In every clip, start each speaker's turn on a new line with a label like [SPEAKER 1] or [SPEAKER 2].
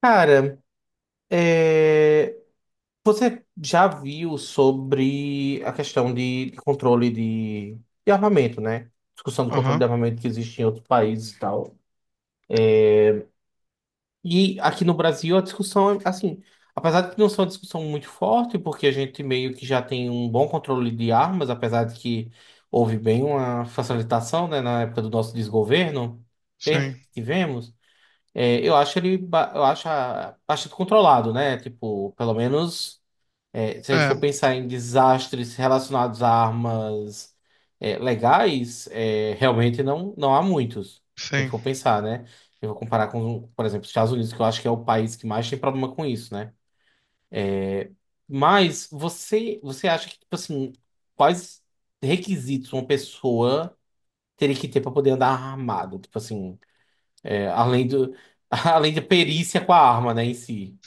[SPEAKER 1] Cara, é, você já viu sobre a questão de controle de armamento, né? Discussão do controle de
[SPEAKER 2] Aham,
[SPEAKER 1] armamento que existe em outros países e tal. E aqui no Brasil a discussão é assim, apesar de que não ser uma discussão muito forte, porque a gente meio que já tem um bom controle de armas, apesar de que houve bem uma facilitação, né, na época do nosso desgoverno.
[SPEAKER 2] sim.
[SPEAKER 1] Tivemos, eu acho ele, ba- eu acho a- bastante controlado, né? Tipo, pelo menos. Se a gente
[SPEAKER 2] É,
[SPEAKER 1] for pensar em desastres relacionados a armas, legais, realmente não há muitos. Se a gente
[SPEAKER 2] sim.
[SPEAKER 1] for pensar, né? Eu vou comparar com, por exemplo, os Estados Unidos, que eu acho que é o país que mais tem problema com isso, né? Mas você acha que, tipo assim, quais requisitos uma pessoa teria que ter para poder andar armado? Tipo assim, é, além do, além da perícia com a arma, né, em si.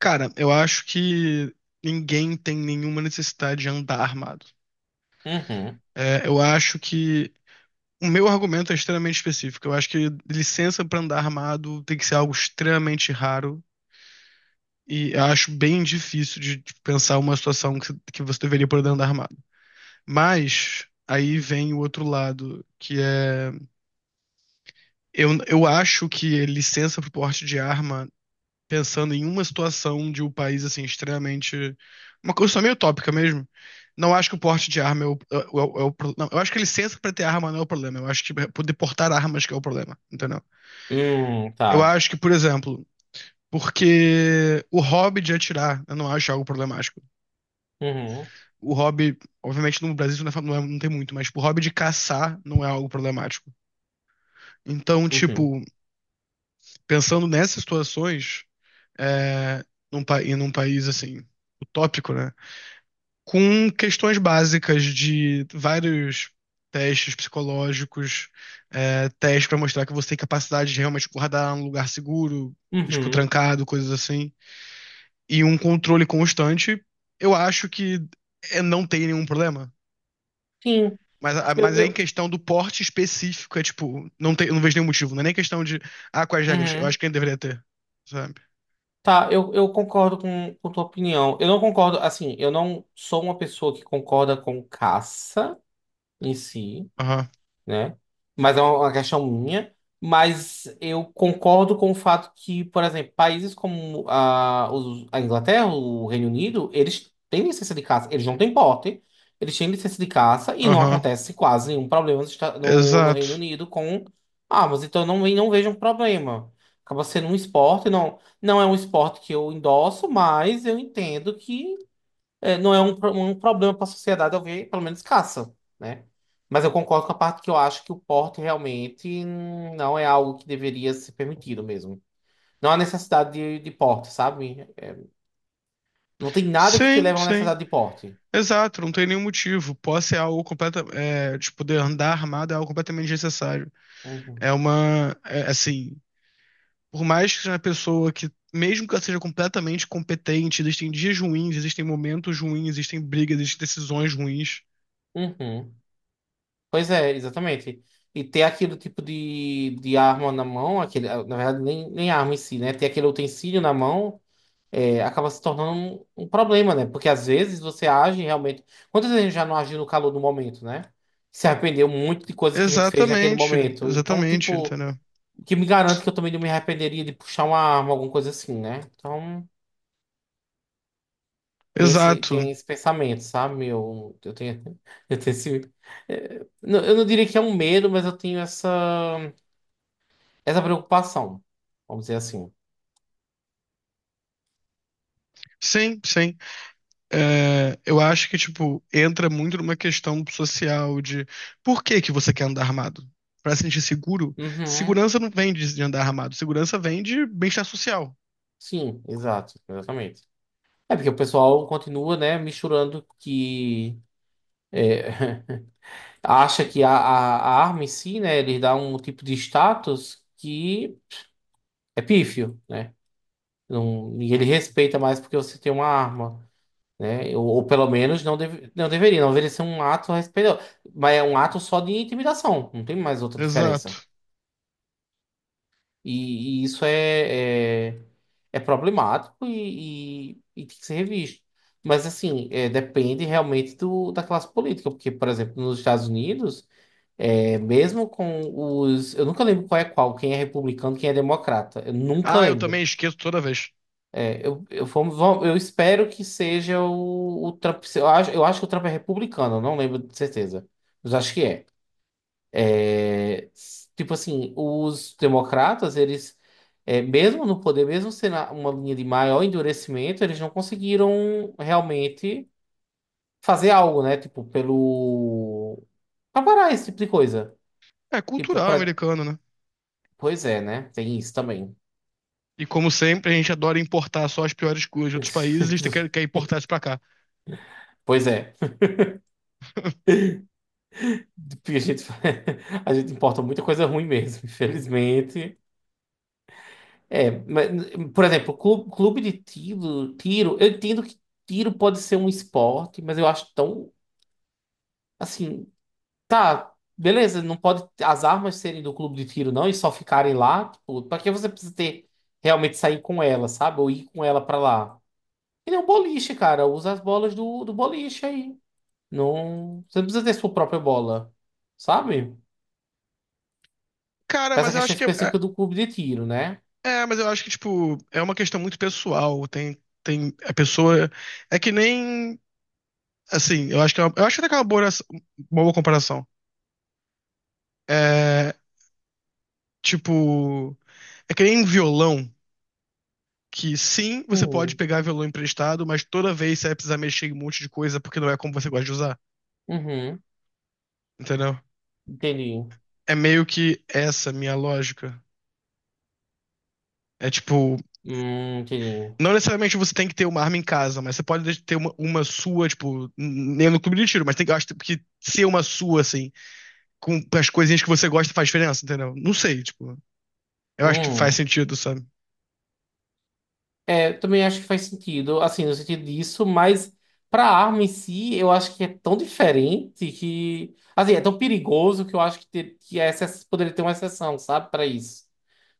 [SPEAKER 2] Cara, eu acho que ninguém tem nenhuma necessidade de andar armado.
[SPEAKER 1] Uhum.
[SPEAKER 2] É, eu acho que o meu argumento é extremamente específico. Eu acho que licença pra andar armado tem que ser algo extremamente raro e eu acho bem difícil de pensar uma situação que você deveria poder andar armado. Mas aí vem o outro lado, que é eu acho que licença pro porte de arma pensando em uma situação de um país assim extremamente uma coisa só meio tópica mesmo. Não acho que o porte de arma não, eu acho que a licença para ter arma não é o problema. Eu acho que é poder portar armas que é o problema, entendeu? Eu
[SPEAKER 1] Tá.
[SPEAKER 2] acho que, por exemplo, porque o hobby de atirar, eu não acho algo problemático.
[SPEAKER 1] Uhum.
[SPEAKER 2] O hobby, obviamente no Brasil isso não, não tem muito, mas tipo, o hobby de caçar não é algo problemático. Então,
[SPEAKER 1] Uhum.
[SPEAKER 2] tipo, pensando nessas situações, é, e num país assim, utópico, né? Com questões básicas de vários testes psicológicos, testes para mostrar que você tem capacidade de realmente guardar um lugar seguro, tipo,
[SPEAKER 1] Uhum.
[SPEAKER 2] trancado, coisas assim, e um controle constante, eu acho que não tem nenhum problema.
[SPEAKER 1] Sim.
[SPEAKER 2] Mas, a-
[SPEAKER 1] Eu,
[SPEAKER 2] mas aí em
[SPEAKER 1] eu,
[SPEAKER 2] questão do porte específico, é tipo, não tem, eu não vejo nenhum motivo. Não é nem questão de, ah, quais regras? Eu
[SPEAKER 1] uhum.
[SPEAKER 2] acho que ele deveria ter, sabe?
[SPEAKER 1] Tá, eu concordo com tua opinião. Eu não concordo, assim, eu não sou uma pessoa que concorda com caça em si.
[SPEAKER 2] Aham,
[SPEAKER 1] Né? Mas é uma questão minha. Mas eu concordo com o fato que, por exemplo, países como a Inglaterra, o Reino Unido, eles têm licença de caça, eles não têm porte, eles têm licença de caça e não
[SPEAKER 2] aham,
[SPEAKER 1] acontece quase nenhum problema nos Esta- no, no Reino
[SPEAKER 2] exato.
[SPEAKER 1] Unido com armas. Então eu não vejo um problema. Acaba sendo um esporte, não, não é um esporte que eu endosso, mas eu entendo que não é um problema para a sociedade eu ver, pelo menos caça, né? Mas eu concordo com a parte que eu acho que o porte realmente não é algo que deveria ser permitido mesmo. Não há necessidade de porte, sabe? Não tem nada que te
[SPEAKER 2] Sim,
[SPEAKER 1] leve a uma
[SPEAKER 2] sim.
[SPEAKER 1] necessidade de porte.
[SPEAKER 2] Exato, não tem nenhum motivo. Posse é algo completa, tipo, poder andar armado é algo completamente desnecessário.
[SPEAKER 1] Uhum.
[SPEAKER 2] Assim, por mais que seja uma pessoa que, mesmo que ela seja completamente competente, existem dias ruins, existem momentos ruins, existem brigas, existem decisões ruins.
[SPEAKER 1] Uhum. Pois é, exatamente. E ter aquele tipo de arma na mão, aquele, na verdade, nem, nem arma em si, né? Ter aquele utensílio na mão. Acaba se tornando um problema, né? Porque às vezes você age realmente. Quantas vezes a gente já não agiu no calor do momento, né? Se arrependeu muito de coisas que a gente fez naquele
[SPEAKER 2] Exatamente,
[SPEAKER 1] momento. Então,
[SPEAKER 2] exatamente,
[SPEAKER 1] tipo,
[SPEAKER 2] entendeu?
[SPEAKER 1] o que me garante que eu também não me arrependeria de puxar uma arma, alguma coisa assim, né? Então, tem esse,
[SPEAKER 2] Exato.
[SPEAKER 1] tem esse pensamento, sabe? Eu tenho esse. Eu não diria que é um medo, mas eu tenho essa preocupação, vamos dizer assim.
[SPEAKER 2] Sim, sim. É, eu acho que, tipo, entra muito numa questão social de por que que você quer andar armado? Pra se sentir seguro?
[SPEAKER 1] Uhum.
[SPEAKER 2] Segurança não vem de andar armado, segurança vem de bem-estar social.
[SPEAKER 1] Sim, exato, exatamente. É porque o pessoal continua, né, misturando que é, acha que a arma em si, né, ele dá um tipo de status que é pífio, né? Não, e ele respeita mais porque você tem uma arma, né? Ou pelo menos não deveria ser um ato respeitoso. Mas é um ato só de intimidação, não tem mais outra diferença.
[SPEAKER 2] Exato.
[SPEAKER 1] E isso é problemático e tem que ser revisto. Mas, assim, depende realmente da classe política, porque, por exemplo, nos Estados Unidos, mesmo com os. Eu nunca lembro qual é qual, quem é republicano, quem é democrata. Eu nunca
[SPEAKER 2] Ah, eu também
[SPEAKER 1] lembro.
[SPEAKER 2] esqueço toda vez.
[SPEAKER 1] Eu espero que seja o Trump. Eu acho que o Trump é republicano, eu não lembro de certeza, mas acho que é. Tipo assim, os democratas, eles, mesmo no poder, mesmo sendo uma linha de maior endurecimento, eles não conseguiram realmente fazer algo, né? Tipo, pelo. Pra parar esse tipo de coisa.
[SPEAKER 2] É
[SPEAKER 1] Tipo,
[SPEAKER 2] cultural
[SPEAKER 1] pra.
[SPEAKER 2] americano, né?
[SPEAKER 1] Pois é, né? Tem isso também.
[SPEAKER 2] E como sempre, a gente adora importar só as piores coisas de outros países e a gente quer importar isso pra cá.
[SPEAKER 1] Pois é. A gente, a gente importa muita coisa ruim mesmo, infelizmente. Mas, por exemplo, clube de tiro, eu entendo que tiro pode ser um esporte, mas eu acho tão, assim, tá, beleza, não pode as armas serem do clube de tiro não e só ficarem lá, tipo, pra que você precisa ter, realmente sair com ela, sabe? Ou ir com ela pra lá. Que nem um boliche, cara, usa as bolas do boliche aí. Não, você não precisa ter sua própria bola, sabe?
[SPEAKER 2] Cara,
[SPEAKER 1] Pra essa
[SPEAKER 2] mas eu
[SPEAKER 1] questão
[SPEAKER 2] acho que
[SPEAKER 1] específica do clube de tiro, né?
[SPEAKER 2] tipo, é uma questão muito pessoal. Tem a pessoa. É que nem Assim, eu acho que eu acho até que é uma boa comparação. É, tipo, é que nem um violão que sim, você pode
[SPEAKER 1] Hum,
[SPEAKER 2] pegar violão emprestado, mas toda vez você vai precisar mexer em um monte de coisa porque não é como você gosta de usar,
[SPEAKER 1] uhum,
[SPEAKER 2] entendeu?
[SPEAKER 1] entendi.
[SPEAKER 2] É meio que essa minha lógica. É tipo,
[SPEAKER 1] Entendi.
[SPEAKER 2] não necessariamente você tem que ter uma arma em casa, mas você pode ter uma sua, tipo, nem no clube de tiro, mas tem que, eu acho que ser uma sua, assim, com as coisinhas que você gosta faz diferença, entendeu? Não sei, tipo, eu acho que faz
[SPEAKER 1] Hum.
[SPEAKER 2] sentido, sabe?
[SPEAKER 1] Eu também acho que faz sentido, assim, no sentido disso, mas pra arma em si, eu acho que é tão diferente que, assim, é tão perigoso que eu acho que essa poderia ter uma exceção, sabe, pra isso.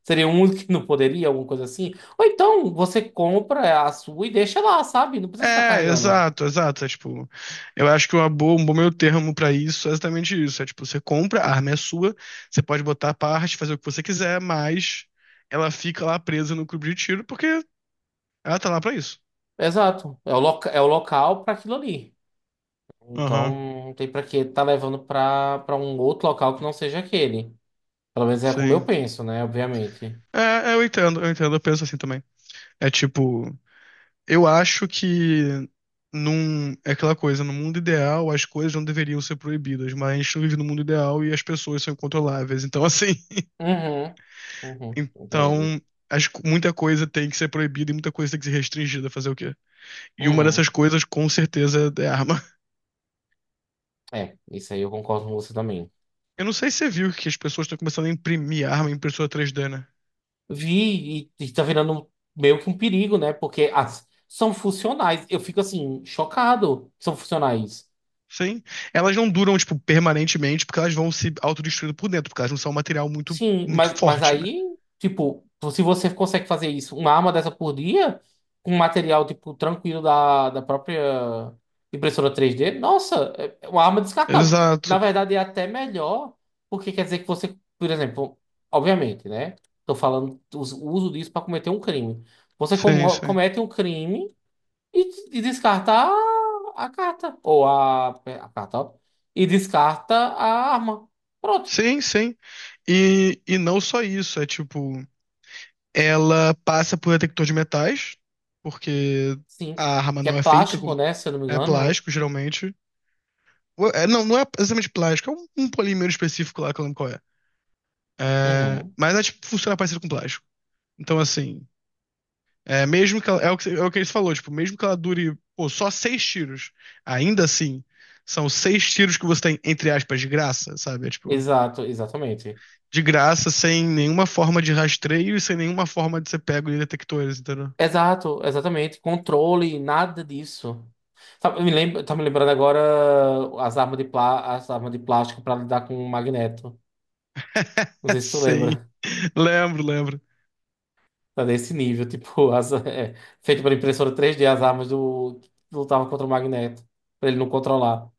[SPEAKER 1] Seria um único que não poderia, alguma coisa assim. Ou então você compra a sua e deixa lá, sabe? Não precisa estar
[SPEAKER 2] É,
[SPEAKER 1] carregando.
[SPEAKER 2] exato, exato. É, tipo, eu acho que um bom meio termo pra isso é exatamente isso. É tipo, você compra, a arma é sua, você pode botar a parte, fazer o que você quiser, mas ela fica lá presa no clube de tiro porque ela tá lá pra isso.
[SPEAKER 1] Exato. É o, loca É o local para aquilo ali. Então,
[SPEAKER 2] Aham,
[SPEAKER 1] não tem para que tá levando para um outro local que não seja aquele. Pelo menos é como eu
[SPEAKER 2] sim.
[SPEAKER 1] penso, né? Obviamente.
[SPEAKER 2] Eu entendo, eu entendo, eu penso assim também. É tipo, eu acho que é aquela coisa, no mundo ideal as coisas não deveriam ser proibidas, mas a gente não vive no mundo ideal e as pessoas são incontroláveis.
[SPEAKER 1] Uhum, uhum, compreendo.
[SPEAKER 2] Então, acho que muita coisa tem que ser proibida e muita coisa tem que ser restringida. Fazer o quê? E uma dessas
[SPEAKER 1] Uhum.
[SPEAKER 2] coisas, com certeza, é arma.
[SPEAKER 1] Isso aí eu concordo com você também.
[SPEAKER 2] Eu não sei se você viu que as pessoas estão começando a imprimir arma em impressora 3D, né?
[SPEAKER 1] Vi, e tá virando meio que um perigo, né? Porque são funcionais. Eu fico assim, chocado que são funcionais.
[SPEAKER 2] Sim. Elas não duram, tipo, permanentemente, porque elas vão se autodestruindo por dentro, porque elas não são um material muito,
[SPEAKER 1] Sim,
[SPEAKER 2] muito
[SPEAKER 1] mas
[SPEAKER 2] forte, né?
[SPEAKER 1] aí, tipo, se você consegue fazer isso, uma arma dessa por dia, com material, tipo, tranquilo da própria impressora 3D, nossa, é uma arma descartável.
[SPEAKER 2] Exato.
[SPEAKER 1] Na verdade, é até melhor, porque quer dizer que você, por exemplo, obviamente, né? Tô falando o uso disso para cometer um crime. Você
[SPEAKER 2] Sim, sim.
[SPEAKER 1] comete um crime e descarta a carta, ou a carta, ó, e descarta a arma. Pronto.
[SPEAKER 2] Sim, sim. E não só isso, é tipo, ela passa por detector de metais, porque
[SPEAKER 1] Sim,
[SPEAKER 2] a arma
[SPEAKER 1] que é
[SPEAKER 2] não é feita com,
[SPEAKER 1] plástico, né? Se eu não me
[SPEAKER 2] é
[SPEAKER 1] engano.
[SPEAKER 2] plástico, geralmente. É, não, não é exatamente plástico, é um polímero específico lá que eu não lembro qual é. É,
[SPEAKER 1] Uhum.
[SPEAKER 2] mas ela, tipo, funciona parecido com plástico. Então, assim, é o que ele falou, tipo, mesmo que ela dure, pô, só seis tiros, ainda assim, são seis tiros que você tem, entre aspas, de graça, sabe? É, tipo,
[SPEAKER 1] Exato, exatamente.
[SPEAKER 2] de graça, sem nenhuma forma de rastreio e sem nenhuma forma de ser pego em detectores, entendeu?
[SPEAKER 1] Exato, exatamente. Controle, nada disso. Tá, eu me lembro, tá me lembrando agora as armas de plástico para lidar com o magneto. Não
[SPEAKER 2] É,
[SPEAKER 1] sei se tu
[SPEAKER 2] sim.
[SPEAKER 1] lembra.
[SPEAKER 2] Lembro, lembro.
[SPEAKER 1] Tá desse nível, tipo, feito pela impressora 3D, as armas que lutavam contra o magneto, pra ele não controlar.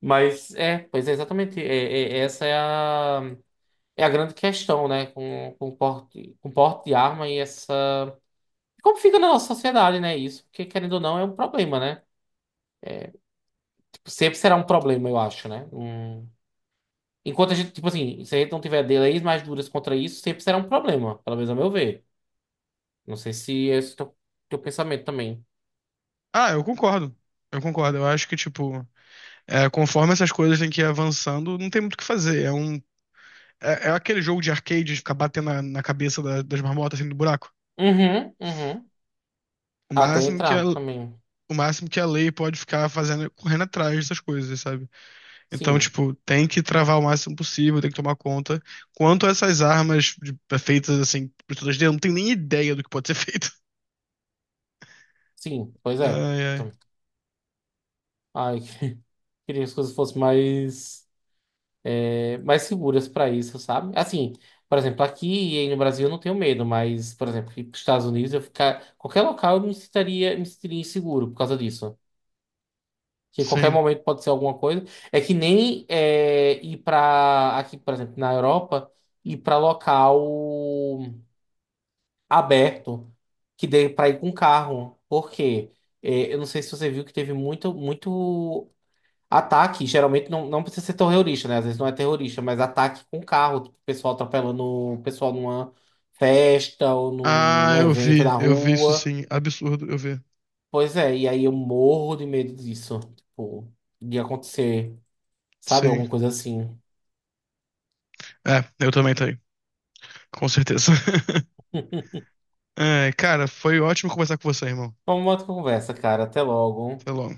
[SPEAKER 1] Mas é, pois é, exatamente. Essa é a grande questão, né? Com porte, com porte de arma e essa. Como fica na nossa sociedade, né? Isso, porque querendo ou não, é um problema, né? Tipo, sempre será um problema, eu acho, né? Hum. Enquanto a gente, tipo assim, se a gente não tiver leis mais duras contra isso, sempre será um problema, pelo menos a meu ver. Não sei se esse é o teu pensamento também.
[SPEAKER 2] Ah, eu concordo. Eu concordo. Eu acho que, tipo, conforme essas coisas têm que ir avançando, não tem muito o que fazer. É aquele jogo de arcade de ficar batendo na cabeça das marmotas assim do buraco.
[SPEAKER 1] Uhum, uhum.
[SPEAKER 2] O
[SPEAKER 1] Até
[SPEAKER 2] máximo que a,
[SPEAKER 1] entrar
[SPEAKER 2] o
[SPEAKER 1] também.
[SPEAKER 2] máximo que a lei pode ficar fazendo é correndo atrás dessas coisas, sabe? Então,
[SPEAKER 1] Sim,
[SPEAKER 2] tipo, tem que travar o máximo possível, tem que tomar conta. Quanto a essas armas é feitas assim, por todas dentro, não tem nem ideia do que pode ser feito.
[SPEAKER 1] sim, pois é.
[SPEAKER 2] Ai, ai.
[SPEAKER 1] Então, ai, queria que as coisas fossem mais, mais seguras para isso, sabe? Assim, por exemplo, aqui e aí no Brasil eu não tenho medo, mas, por exemplo, ir para os Estados Unidos, eu ficar. Qualquer local eu me sentiria inseguro por causa disso. Que em qualquer
[SPEAKER 2] Sim.
[SPEAKER 1] momento pode ser alguma coisa. É que nem ir para. Aqui, por exemplo, na Europa, ir para local aberto, que dê para ir com carro. Por quê? É, eu não sei se você viu que teve muito, muito. Ataque, geralmente não precisa ser terrorista, né? Às vezes não é terrorista, mas ataque com carro, tipo, o pessoal atropelando o pessoal numa festa ou num,
[SPEAKER 2] Ah,
[SPEAKER 1] num
[SPEAKER 2] eu
[SPEAKER 1] evento
[SPEAKER 2] vi,
[SPEAKER 1] na
[SPEAKER 2] eu vi isso
[SPEAKER 1] rua.
[SPEAKER 2] sim. Absurdo, eu vi.
[SPEAKER 1] Pois é, e aí eu morro de medo disso, tipo, de acontecer, sabe?
[SPEAKER 2] Sim.
[SPEAKER 1] Alguma coisa assim.
[SPEAKER 2] É, eu também tenho. Com certeza. É, cara, foi ótimo conversar com você, irmão.
[SPEAKER 1] Vamos uma outra conversa, cara. Até logo.
[SPEAKER 2] Até logo.